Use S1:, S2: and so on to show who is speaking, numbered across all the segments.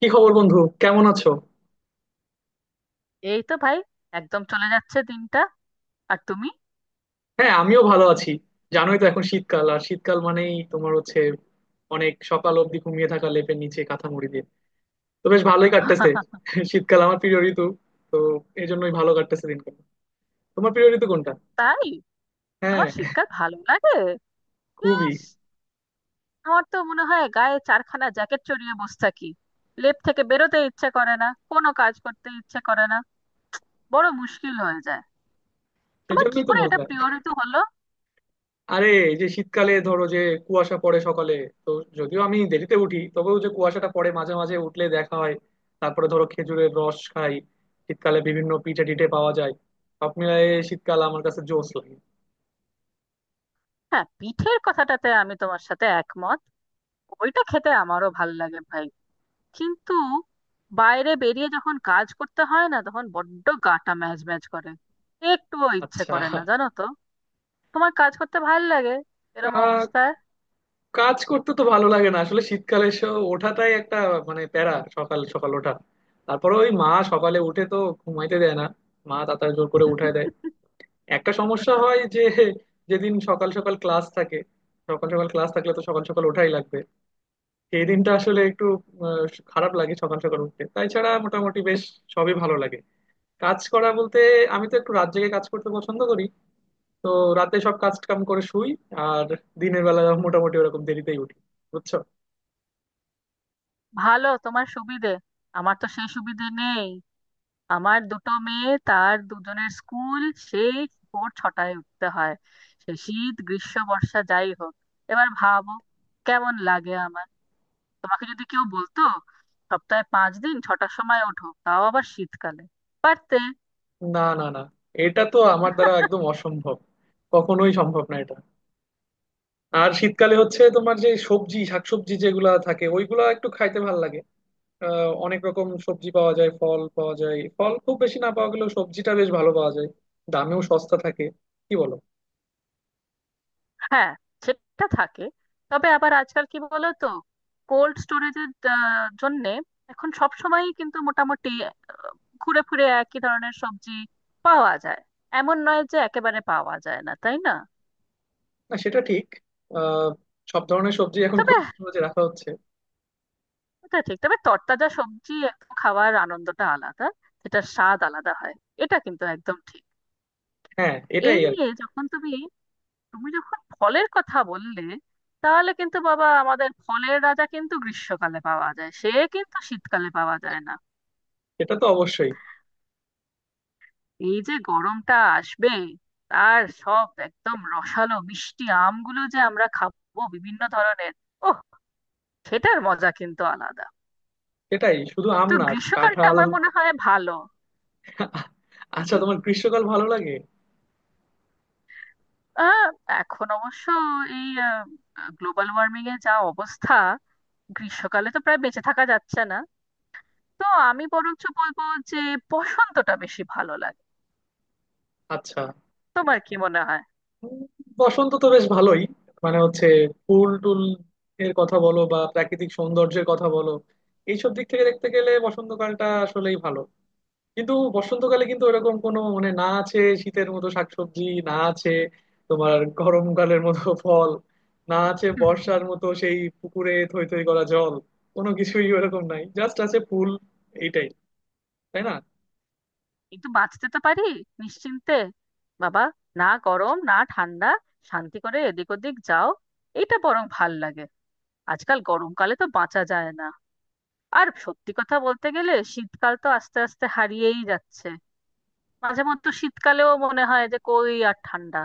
S1: কি খবর বন্ধু? কেমন আছো?
S2: এই তো ভাই, একদম চলে যাচ্ছে দিনটা। আর তুমি?
S1: হ্যাঁ, আমিও ভালো আছি। জানোই তো এখন শীতকাল, আর শীতকাল মানেই তোমার হচ্ছে অনেক সকাল অবধি ঘুমিয়ে থাকা, লেপের নিচে কাঁথা মুড়ি দিয়ে। তো বেশ ভালোই কাটতেছে। শীতকাল আমার প্রিয় ঋতু, তো এই জন্যই ভালো কাটতেছে দিনকাল। তোমার প্রিয় ঋতু কোনটা?
S2: তাই? তোমার
S1: হ্যাঁ।
S2: শীতকাল ভালো লাগে?
S1: খুবই।
S2: ইস, আমার তো মনে হয় গায়ে চারখানা জ্যাকেট চড়িয়ে বসে থাকি। লেপ থেকে বেরোতে ইচ্ছে করে না, কোনো কাজ করতে ইচ্ছে করে না, বড় মুশকিল হয়ে যায়। তোমার কি
S1: সেজন্যই তো
S2: করে এটা
S1: মজা।
S2: প্রিয় ঋতু হলো?
S1: আরে এই যে শীতকালে ধরো যে কুয়াশা পড়ে সকালে। তো যদিও আমি দেরিতে উঠি, তবেও যে কুয়াশাটা পড়ে মাঝে মাঝে উঠলে দেখা হয়। তারপরে ধরো খেজুরের রস খাই। শীতকালে বিভিন্ন পিঠে টিঠে পাওয়া যায়। সব মিলায়ে শীতকাল আমার কাছে জোশ লাগে।
S2: হ্যাঁ, পিঠের কথাটাতে আমি তোমার সাথে একমত। ওইটা খেতে আমারও ভাল লাগে ভাই। কিন্তু বাইরে বেরিয়ে যখন কাজ করতে হয় না, তখন বড্ড গাটা ম্যাজ ম্যাজ করে, একটুও ইচ্ছে
S1: আচ্ছা।
S2: করে না, জানো তো। তোমার কাজ করতে ভাল লাগে এরম
S1: আহ,
S2: অবস্থায়?
S1: কাজ করতে তো ভালো লাগে না আসলে শীতকালে ওঠাটাই একটা, মানে প্যারা সকাল সকাল ওঠা। তারপরে ওই মা সকালে উঠে তো ঘুমাইতে দেয় না, মা তাড়াতাড়ি জোর করে উঠায় দেয়। একটা সমস্যা হয় যে, যেদিন সকাল সকাল ক্লাস থাকে, সকাল সকাল ক্লাস থাকলে তো সকাল সকাল ওঠাই লাগবে। সেই দিনটা আসলে একটু আহ, খারাপ লাগে সকাল সকাল উঠতে, তাই ছাড়া মোটামুটি বেশ সবই ভালো লাগে। কাজ করা বলতে, আমি তো একটু রাত জেগে কাজ করতে পছন্দ করি। তো রাতে সব কাজ কাম করে শুই, আর দিনের বেলা মোটামুটি ওরকম দেরিতেই উঠি। বুঝছো?
S2: ভালো, তোমার সুবিধে। আমার তো সেই সুবিধে নেই। আমার দুটো মেয়ে, তার দুজনের স্কুল, সেই ভোর 6টায় উঠতে হয়, সে শীত গ্রীষ্ম বর্ষা যাই হোক। এবার ভাবো কেমন লাগে আমার। তোমাকে যদি কেউ বলতো সপ্তাহে 5 দিন 6টার সময় ওঠো, তাও আবার শীতকালে, পারতে?
S1: না, না, না, এটা তো আমার দ্বারা একদম অসম্ভব, কখনোই সম্ভব না এটা। আর শীতকালে হচ্ছে তোমার যে সবজি শাকসবজি যেগুলা থাকে ওইগুলা একটু খাইতে ভালো লাগে। অনেক রকম সবজি পাওয়া যায়, ফল পাওয়া যায়। ফল খুব বেশি না পাওয়া গেলেও সবজিটা বেশ ভালো পাওয়া যায়, দামেও সস্তা থাকে। কি বলো?
S2: হ্যাঁ, সেটা থাকে। তবে আবার আজকাল কি বলো তো, কোল্ড স্টোরেজের জন্যে এখন সব সময়ই কিন্তু মোটামুটি ঘুরে ফিরে একই ধরনের সবজি পাওয়া যায়। এমন নয় যে একেবারে পাওয়া যায় না, তাই না?
S1: না সেটা ঠিক। আহ সব ধরনের সবজি এখন
S2: তবে
S1: কোল্ড স্টোরেজে রাখা হচ্ছে।
S2: এটা ঠিক, তবে তরতাজা সবজি একটু খাওয়ার আনন্দটা আলাদা, সেটার স্বাদ আলাদা হয়। এটা কিন্তু একদম ঠিক।
S1: হ্যাঁ
S2: এই
S1: এটাই আর কি।
S2: নিয়ে যখন তুমি তুমি যখন ফলের কথা বললে, তাহলে কিন্তু বাবা আমাদের ফলের রাজা কিন্তু গ্রীষ্মকালে পাওয়া যায়, সে কিন্তু শীতকালে পাওয়া যায় না।
S1: এটা তো অবশ্যই।
S2: এই যে গরমটা আসবে, তার সব একদম রসালো মিষ্টি আমগুলো যে আমরা খাবো বিভিন্ন ধরনের, ওহ, সেটার মজা কিন্তু আলাদা।
S1: এটাই, শুধু আম
S2: তো
S1: না,
S2: গ্রীষ্মকালটা
S1: কাঁঠাল।
S2: আমার মনে হয় ভালো।
S1: আচ্ছা, তোমার গ্রীষ্মকাল ভালো লাগে?
S2: আহ, এখন অবশ্য এই গ্লোবাল ওয়ার্মিং এর যা অবস্থা, গ্রীষ্মকালে তো প্রায় বেঁচে থাকা যাচ্ছে না। তো আমি বরঞ্চ বলবো যে বসন্তটা বেশি ভালো লাগে।
S1: আচ্ছা।
S2: তোমার কি মনে হয়?
S1: উম, বসন্ত তো বেশ ভালোই, মানে হচ্ছে ফুল টুল এর কথা বলো বা প্রাকৃতিক সৌন্দর্যের কথা বলো, এইসব দিক থেকে দেখতে গেলে বসন্তকালটা আসলেই ভালো। কিন্তু বসন্তকালে কিন্তু ওরকম কোনো মানে না আছে শীতের মতো শাকসবজি, না আছে তোমার গরমকালের মতো ফল, না আছে
S2: হুম।
S1: বর্ষার মতো সেই পুকুরে থই থই করা জল। কোনো কিছুই ওরকম নাই, জাস্ট আছে ফুল। এইটাই। তাই না?
S2: কিন্তু বাঁচতে তো পারি নিশ্চিন্তে, বাবা। না গরম না ঠান্ডা, শান্তি করে এদিক ওদিক যাও, এটা বরং ভাল লাগে। আজকাল গরমকালে তো বাঁচা যায় না। আর সত্যি কথা বলতে গেলে শীতকাল তো আস্তে আস্তে হারিয়েই যাচ্ছে। মাঝে মধ্যে শীতকালেও মনে হয় যে কই আর ঠান্ডা।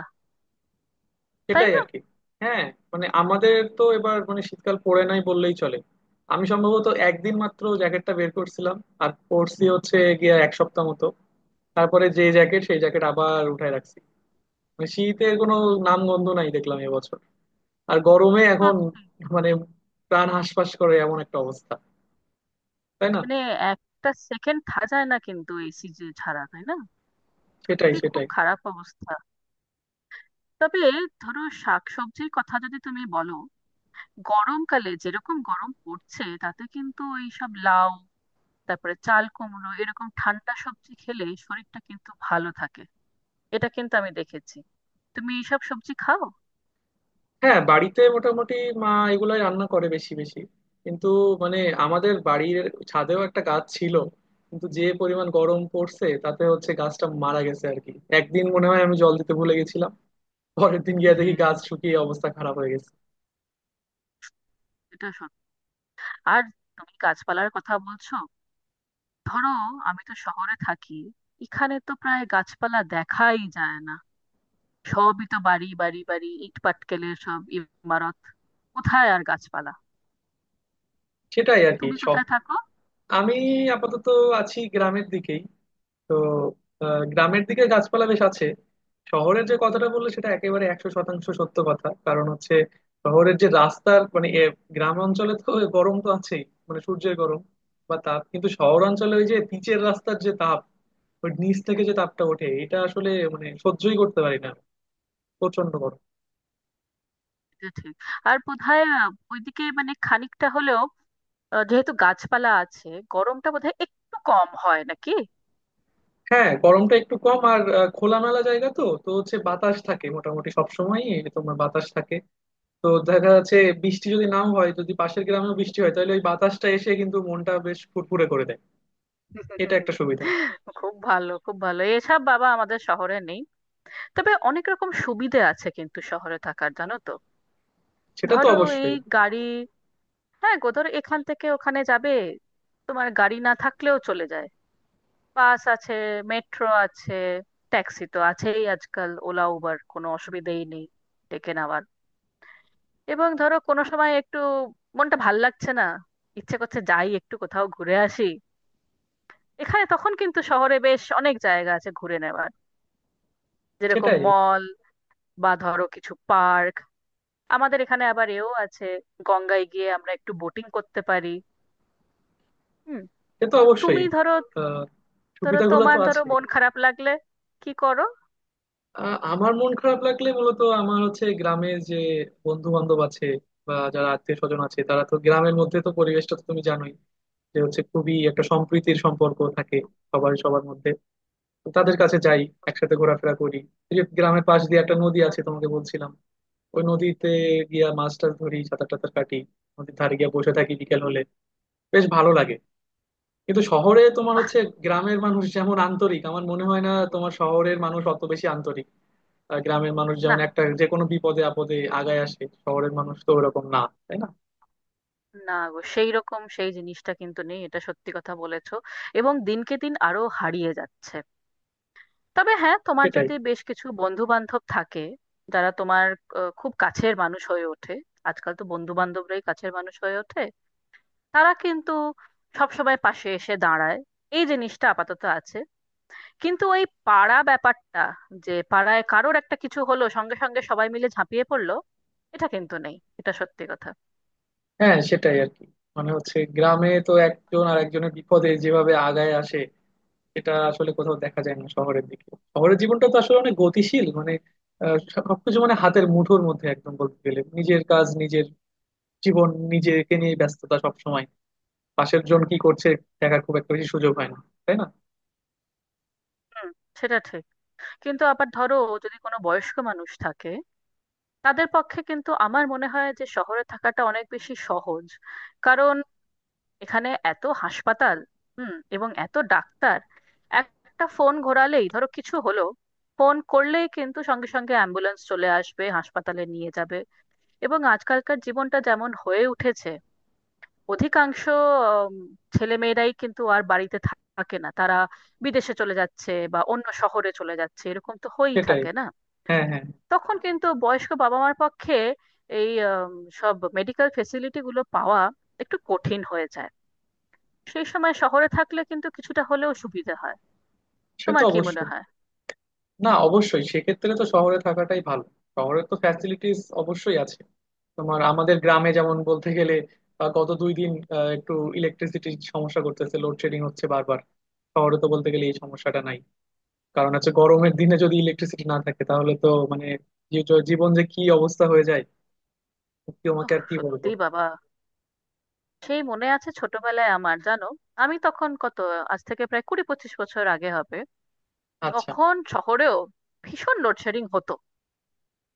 S2: তাই
S1: সেটাই
S2: না?
S1: আর কি। হ্যাঁ, মানে আমাদের তো এবার মানে শীতকাল পড়ে নাই বললেই চলে। আমি সম্ভবত একদিন মাত্র জ্যাকেটটা বের করছিলাম, আর পরছি হচ্ছে গিয়া এক সপ্তাহ মতো। তারপরে যে জ্যাকেট সেই জ্যাকেট আবার উঠায় রাখছি। মানে শীতের কোনো নাম গন্ধ নাই দেখলাম এবছর। আর গরমে এখন
S2: সত্যি।
S1: মানে প্রাণ হাঁসফাঁস করে এমন একটা অবস্থা। তাই না?
S2: মানে একটা সেকেন্ড থাকা যায় না কিন্তু এসি ছাড়া, তাই না?
S1: সেটাই
S2: সত্যি খুব
S1: সেটাই
S2: খারাপ অবস্থা। তবে ধরো শাকসবজির কথা যদি তুমি বলো, গরমকালে যেরকম গরম পড়ছে তাতে কিন্তু ওই সব লাউ, তারপরে চাল কুমড়ো এরকম ঠান্ডা সবজি খেলে শরীরটা কিন্তু ভালো থাকে। এটা কিন্তু আমি দেখেছি। তুমি এইসব সবজি খাও?
S1: হ্যাঁ, বাড়িতে মোটামুটি মা এগুলাই রান্না করে বেশি বেশি। কিন্তু মানে আমাদের বাড়ির ছাদেও একটা গাছ ছিল, কিন্তু যে পরিমাণ গরম পড়ছে তাতে হচ্ছে গাছটা মারা গেছে আর কি। একদিন মনে হয় আমি জল দিতে ভুলে গেছিলাম, পরের দিন গিয়ে দেখি গাছ
S2: হুম,
S1: শুকিয়ে অবস্থা খারাপ হয়ে গেছে।
S2: এটা সত্যি। আর তুমি গাছপালার কথা বলছো, ধরো আমি তো শহরে থাকি, এখানে তো প্রায় গাছপালা দেখাই যায় না। সবই তো বাড়ি, বাড়ি ইট পাটকেলের সব ইমারত। কোথায় আর গাছপালা।
S1: সেটাই আর কি
S2: তুমি
S1: শখ।
S2: কোথায় থাকো?
S1: আমি আপাতত আছি গ্রামের দিকেই। তো গ্রামের দিকে গাছপালা বেশ আছে। শহরের যে কথাটা বললে সেটা একেবারে 100% সত্য কথা। কারণ হচ্ছে শহরের যে রাস্তার মানে গ্রাম অঞ্চলে তো গরম তো আছেই, মানে সূর্যের গরম বা তাপ, কিন্তু শহর অঞ্চলে ওই যে পিচের রাস্তার যে তাপ, ওই নিচ থেকে যে তাপটা ওঠে এটা আসলে মানে সহ্যই করতে পারি না, প্রচন্ড গরম।
S2: এটা ঠিক। আর বোধহয় ওইদিকে মানে খানিকটা হলেও, যেহেতু গাছপালা আছে, গরমটা বোধহয় একটু কম হয় নাকি।
S1: হ্যাঁ, গরমটা একটু কম। আর খোলামেলা জায়গা তো তো হচ্ছে বাতাস থাকে মোটামুটি সবসময়। তোমার বাতাস থাকে, তো দেখা যাচ্ছে বৃষ্টি যদি নাও হয়, যদি পাশের গ্রামেও বৃষ্টি হয় তাহলে ওই বাতাসটা এসে কিন্তু মনটা বেশ ফুরফুরে করে দেয়। এটা একটা সুবিধা।
S2: খুব ভালো, খুব ভালো। এসব বাবা আমাদের শহরে নেই। তবে অনেক রকম সুবিধে আছে কিন্তু শহরে থাকার, জানো তো।
S1: সেটা তো
S2: ধরো এই
S1: অবশ্যই।
S2: গাড়ি, হ্যাঁ গো, ধরো এখান থেকে ওখানে যাবে, তোমার গাড়ি না থাকলেও চলে যায়। বাস আছে, মেট্রো আছে, ট্যাক্সি তো আছেই, আজকাল ওলা উবার, কোনো অসুবিধেই নেই ডেকে নেওয়ার। এবং ধরো কোনো সময় একটু মনটা ভাল লাগছে না, ইচ্ছে করছে যাই একটু কোথাও ঘুরে আসি, এখানে তখন কিন্তু শহরে বেশ অনেক জায়গা আছে ঘুরে নেওয়ার, যেরকম
S1: সেটাই।
S2: মল, বা ধরো কিছু পার্ক। আমাদের এখানে আবার এও আছে, গঙ্গায় গিয়ে আমরা একটু বোটিং করতে পারি। হুম।
S1: সে তো
S2: তো
S1: অবশ্যই।
S2: তুমি ধরো,
S1: আহ
S2: ধরো
S1: সুবিধাগুলো
S2: তোমার,
S1: তো
S2: ধরো
S1: আছে।
S2: মন খারাপ লাগলে কি করো?
S1: আমার মন খারাপ লাগলে মূলত আমার হচ্ছে গ্রামের যে বন্ধু বান্ধব আছে বা যারা আত্মীয় স্বজন আছে, তারা তো গ্রামের মধ্যে তো পরিবেশটা তো তুমি জানোই, যে হচ্ছে খুবই একটা সম্প্রীতির সম্পর্ক থাকে সবার সবার মধ্যে। তো তাদের কাছে যাই, একসাথে ঘোরাফেরা করি। এই যে গ্রামের পাশ দিয়ে একটা নদী আছে তোমাকে বলছিলাম, ওই নদীতে গিয়া মাছ টাছ ধরি, সাঁতার টাতার কাটি, নদীর ধারে গিয়া বসে থাকি বিকেল হলে, বেশ ভালো লাগে। কিন্তু শহরে তোমার
S2: বাহ!
S1: হচ্ছে গ্রামের মানুষ যেমন আন্তরিক, আমার মনে হয় না তোমার শহরের মানুষ অত বেশি আন্তরিক। আর গ্রামের মানুষ
S2: না
S1: যেমন একটা যে কোনো বিপদে আপদে আগায় আসে, শহরের মানুষ তো ওরকম না। তাই না?
S2: না গো, সেই রকম সেই জিনিসটা কিন্তু নেই, এটা সত্যি কথা বলেছো। এবং দিনকে দিন আরো হারিয়ে যাচ্ছে। তবে হ্যাঁ, তোমার
S1: সেটাই।
S2: যদি বেশ কিছু বন্ধু বান্ধব থাকে যারা তোমার খুব কাছের মানুষ হয়ে ওঠে, আজকাল তো বন্ধু বান্ধবরাই কাছের মানুষ হয়ে ওঠে, তারা কিন্তু সবসময় পাশে এসে দাঁড়ায়। এই জিনিসটা আপাতত আছে। কিন্তু ওই পাড়া ব্যাপারটা, যে পাড়ায় কারোর একটা কিছু হলো সঙ্গে সঙ্গে সবাই মিলে ঝাঁপিয়ে পড়লো, এটা কিন্তু নেই। এটা সত্যি কথা।
S1: হ্যাঁ, সেটাই আর কি। মানে হচ্ছে গ্রামে তো একজন আর একজনের বিপদে যেভাবে আগায় আসে, এটা আসলে কোথাও দেখা যায় না শহরের দিকে। শহরের জীবনটা তো আসলে অনেক গতিশীল, মানে সবকিছু মানে হাতের মুঠোর মধ্যে একদম, বলতে গেলে নিজের কাজ, নিজের জীবন, নিজেকে নিয়ে ব্যস্ততা সব সময়। পাশের জন কি করছে দেখার খুব একটা বেশি সুযোগ হয় না। তাই না?
S2: হুম, সেটা ঠিক। কিন্তু আবার ধরো, যদি কোনো বয়স্ক মানুষ থাকে, তাদের পক্ষে কিন্তু আমার মনে হয় যে শহরে থাকাটা অনেক বেশি সহজ। কারণ এখানে এত হাসপাতাল, হুম, এবং এত ডাক্তার, একটা ফোন ঘোরালেই, ধরো কিছু হলো, ফোন করলেই কিন্তু সঙ্গে সঙ্গে অ্যাম্বুলেন্স চলে আসবে, হাসপাতালে নিয়ে যাবে। এবং আজকালকার জীবনটা যেমন হয়ে উঠেছে, অধিকাংশ ছেলে মেয়েরাই কিন্তু আর বাড়িতে থাকে না, তারা বিদেশে চলে যাচ্ছে বা অন্য শহরে চলে যাচ্ছে, এরকম তো হয়েই
S1: সেটাই।
S2: থাকে না।
S1: হ্যাঁ, হ্যাঁ।
S2: তখন কিন্তু বয়স্ক বাবা মার পক্ষে এই সব মেডিকেল ফেসিলিটি গুলো পাওয়া একটু কঠিন হয়ে যায়। সেই সময় শহরে থাকলে কিন্তু কিছুটা হলেও সুবিধা হয়।
S1: সে তো
S2: তোমার কি মনে
S1: অবশ্যই।
S2: হয়?
S1: না অবশ্যই সেক্ষেত্রে তো শহরে থাকাটাই ভালো, শহরের তো ফ্যাসিলিটিস অবশ্যই আছে। তোমার আমাদের গ্রামে যেমন বলতে গেলে গত 2 দিন একটু ইলেকট্রিসিটির সমস্যা করতেছে, লোডশেডিং হচ্ছে বারবার। শহরে তো বলতে গেলে এই সমস্যাটা নাই। কারণ হচ্ছে গরমের দিনে যদি ইলেকট্রিসিটি না থাকে তাহলে তো মানে জীবন যে কি অবস্থা হয়ে যায়, সত্যি তোমাকে
S2: ওহ
S1: আর কি বলবো।
S2: সত্যি বাবা। সেই মনে আছে ছোটবেলায়, আমার জানো, আমি তখন কত, আজ থেকে প্রায় 20-25 বছর আগে হবে,
S1: আচ্ছা।
S2: তখন শহরেও ভীষণ লোডশেডিং হতো।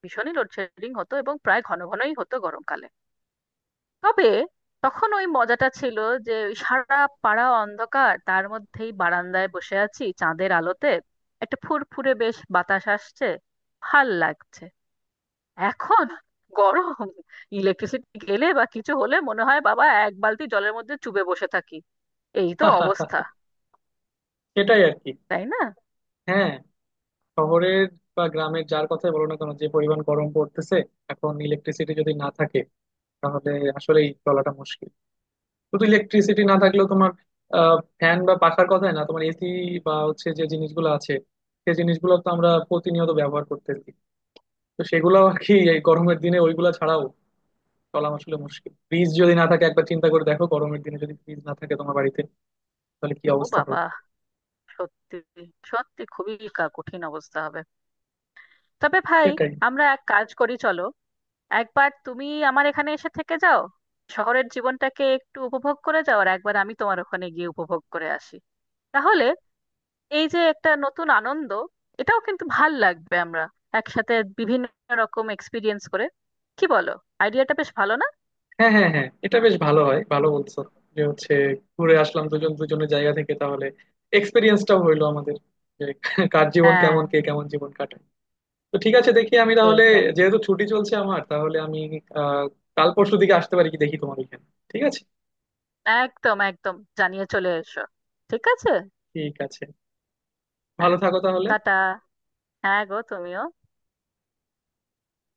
S2: ভীষণই লোডশেডিং হতো, এবং প্রায় ঘন ঘনই হতো গরমকালে। তবে তখন ওই মজাটা ছিল যে ওই সারা পাড়া অন্ধকার, তার মধ্যেই বারান্দায় বসে আছি চাঁদের আলোতে, একটা ফুরফুরে বেশ বাতাস আসছে, ভাল লাগছে। এখন গরম, ইলেকট্রিসিটি গেলে বা কিছু হলে মনে হয় বাবা এক বালতি জলের মধ্যে চুবে বসে থাকি, এই তো অবস্থা।
S1: সেটাই আর কি।
S2: তাই না?
S1: হ্যাঁ, শহরের বা গ্রামের যার কথাই বলো না কেন, যে পরিমাণ গরম পড়তেছে এখন, ইলেকট্রিসিটি যদি না থাকে তাহলে আসলেই চলাটা মুশকিল। শুধু ইলেকট্রিসিটি না থাকলেও তোমার ফ্যান বা পাখার কথাই না, তোমার এসি বা হচ্ছে যে জিনিসগুলো আছে সেই জিনিসগুলো তো আমরা প্রতিনিয়ত ব্যবহার করতেছি, তো সেগুলো আর কি এই গরমের দিনে ওইগুলা ছাড়াও চলা আসলে মুশকিল। ফ্রিজ যদি না থাকে, একবার চিন্তা করে দেখো, গরমের দিনে যদি ফ্রিজ না থাকে তোমার বাড়িতে, তাহলে কি
S2: ও
S1: অবস্থা
S2: বাবা,
S1: হবে।
S2: সত্যি, সত্যি খুবই কঠিন অবস্থা হবে। তবে ভাই,
S1: সেটাই।
S2: আমরা এক কাজ করি, চলো, একবার তুমি আমার এখানে এসে থেকে যাও, শহরের জীবনটাকে একটু উপভোগ করে যাও, আর একবার আমি তোমার ওখানে গিয়ে উপভোগ করে আসি। তাহলে এই যে একটা নতুন আনন্দ, এটাও কিন্তু ভাল লাগবে। আমরা একসাথে বিভিন্ন রকম এক্সপিরিয়েন্স করে, কি বলো, আইডিয়াটা বেশ ভালো না?
S1: হ্যাঁ, হ্যাঁ, হ্যাঁ, এটা বেশ ভালো হয়, ভালো বলছো। যে হচ্ছে ঘুরে আসলাম দুজন দুজনের জায়গা থেকে, তাহলে এক্সপিরিয়েন্সটাও হইলো আমাদের যে কার জীবন
S2: হ্যাঁ,
S1: কেমন, কে কেমন জীবন কাটায়। তো ঠিক আছে, দেখি আমি তাহলে,
S2: এইটাই।
S1: যেহেতু ছুটি চলছে আমার তাহলে আমি আহ কাল পরশু দিকে আসতে পারি কি, দেখি তোমার এখানে। ঠিক আছে।
S2: একদম একদম, জানিয়ে চলে এসো। ঠিক আছে।
S1: ঠিক আছে।
S2: হ্যাঁ।
S1: ভালো থাকো তাহলে।
S2: টাটা। হ্যাঁ গো, তুমিও।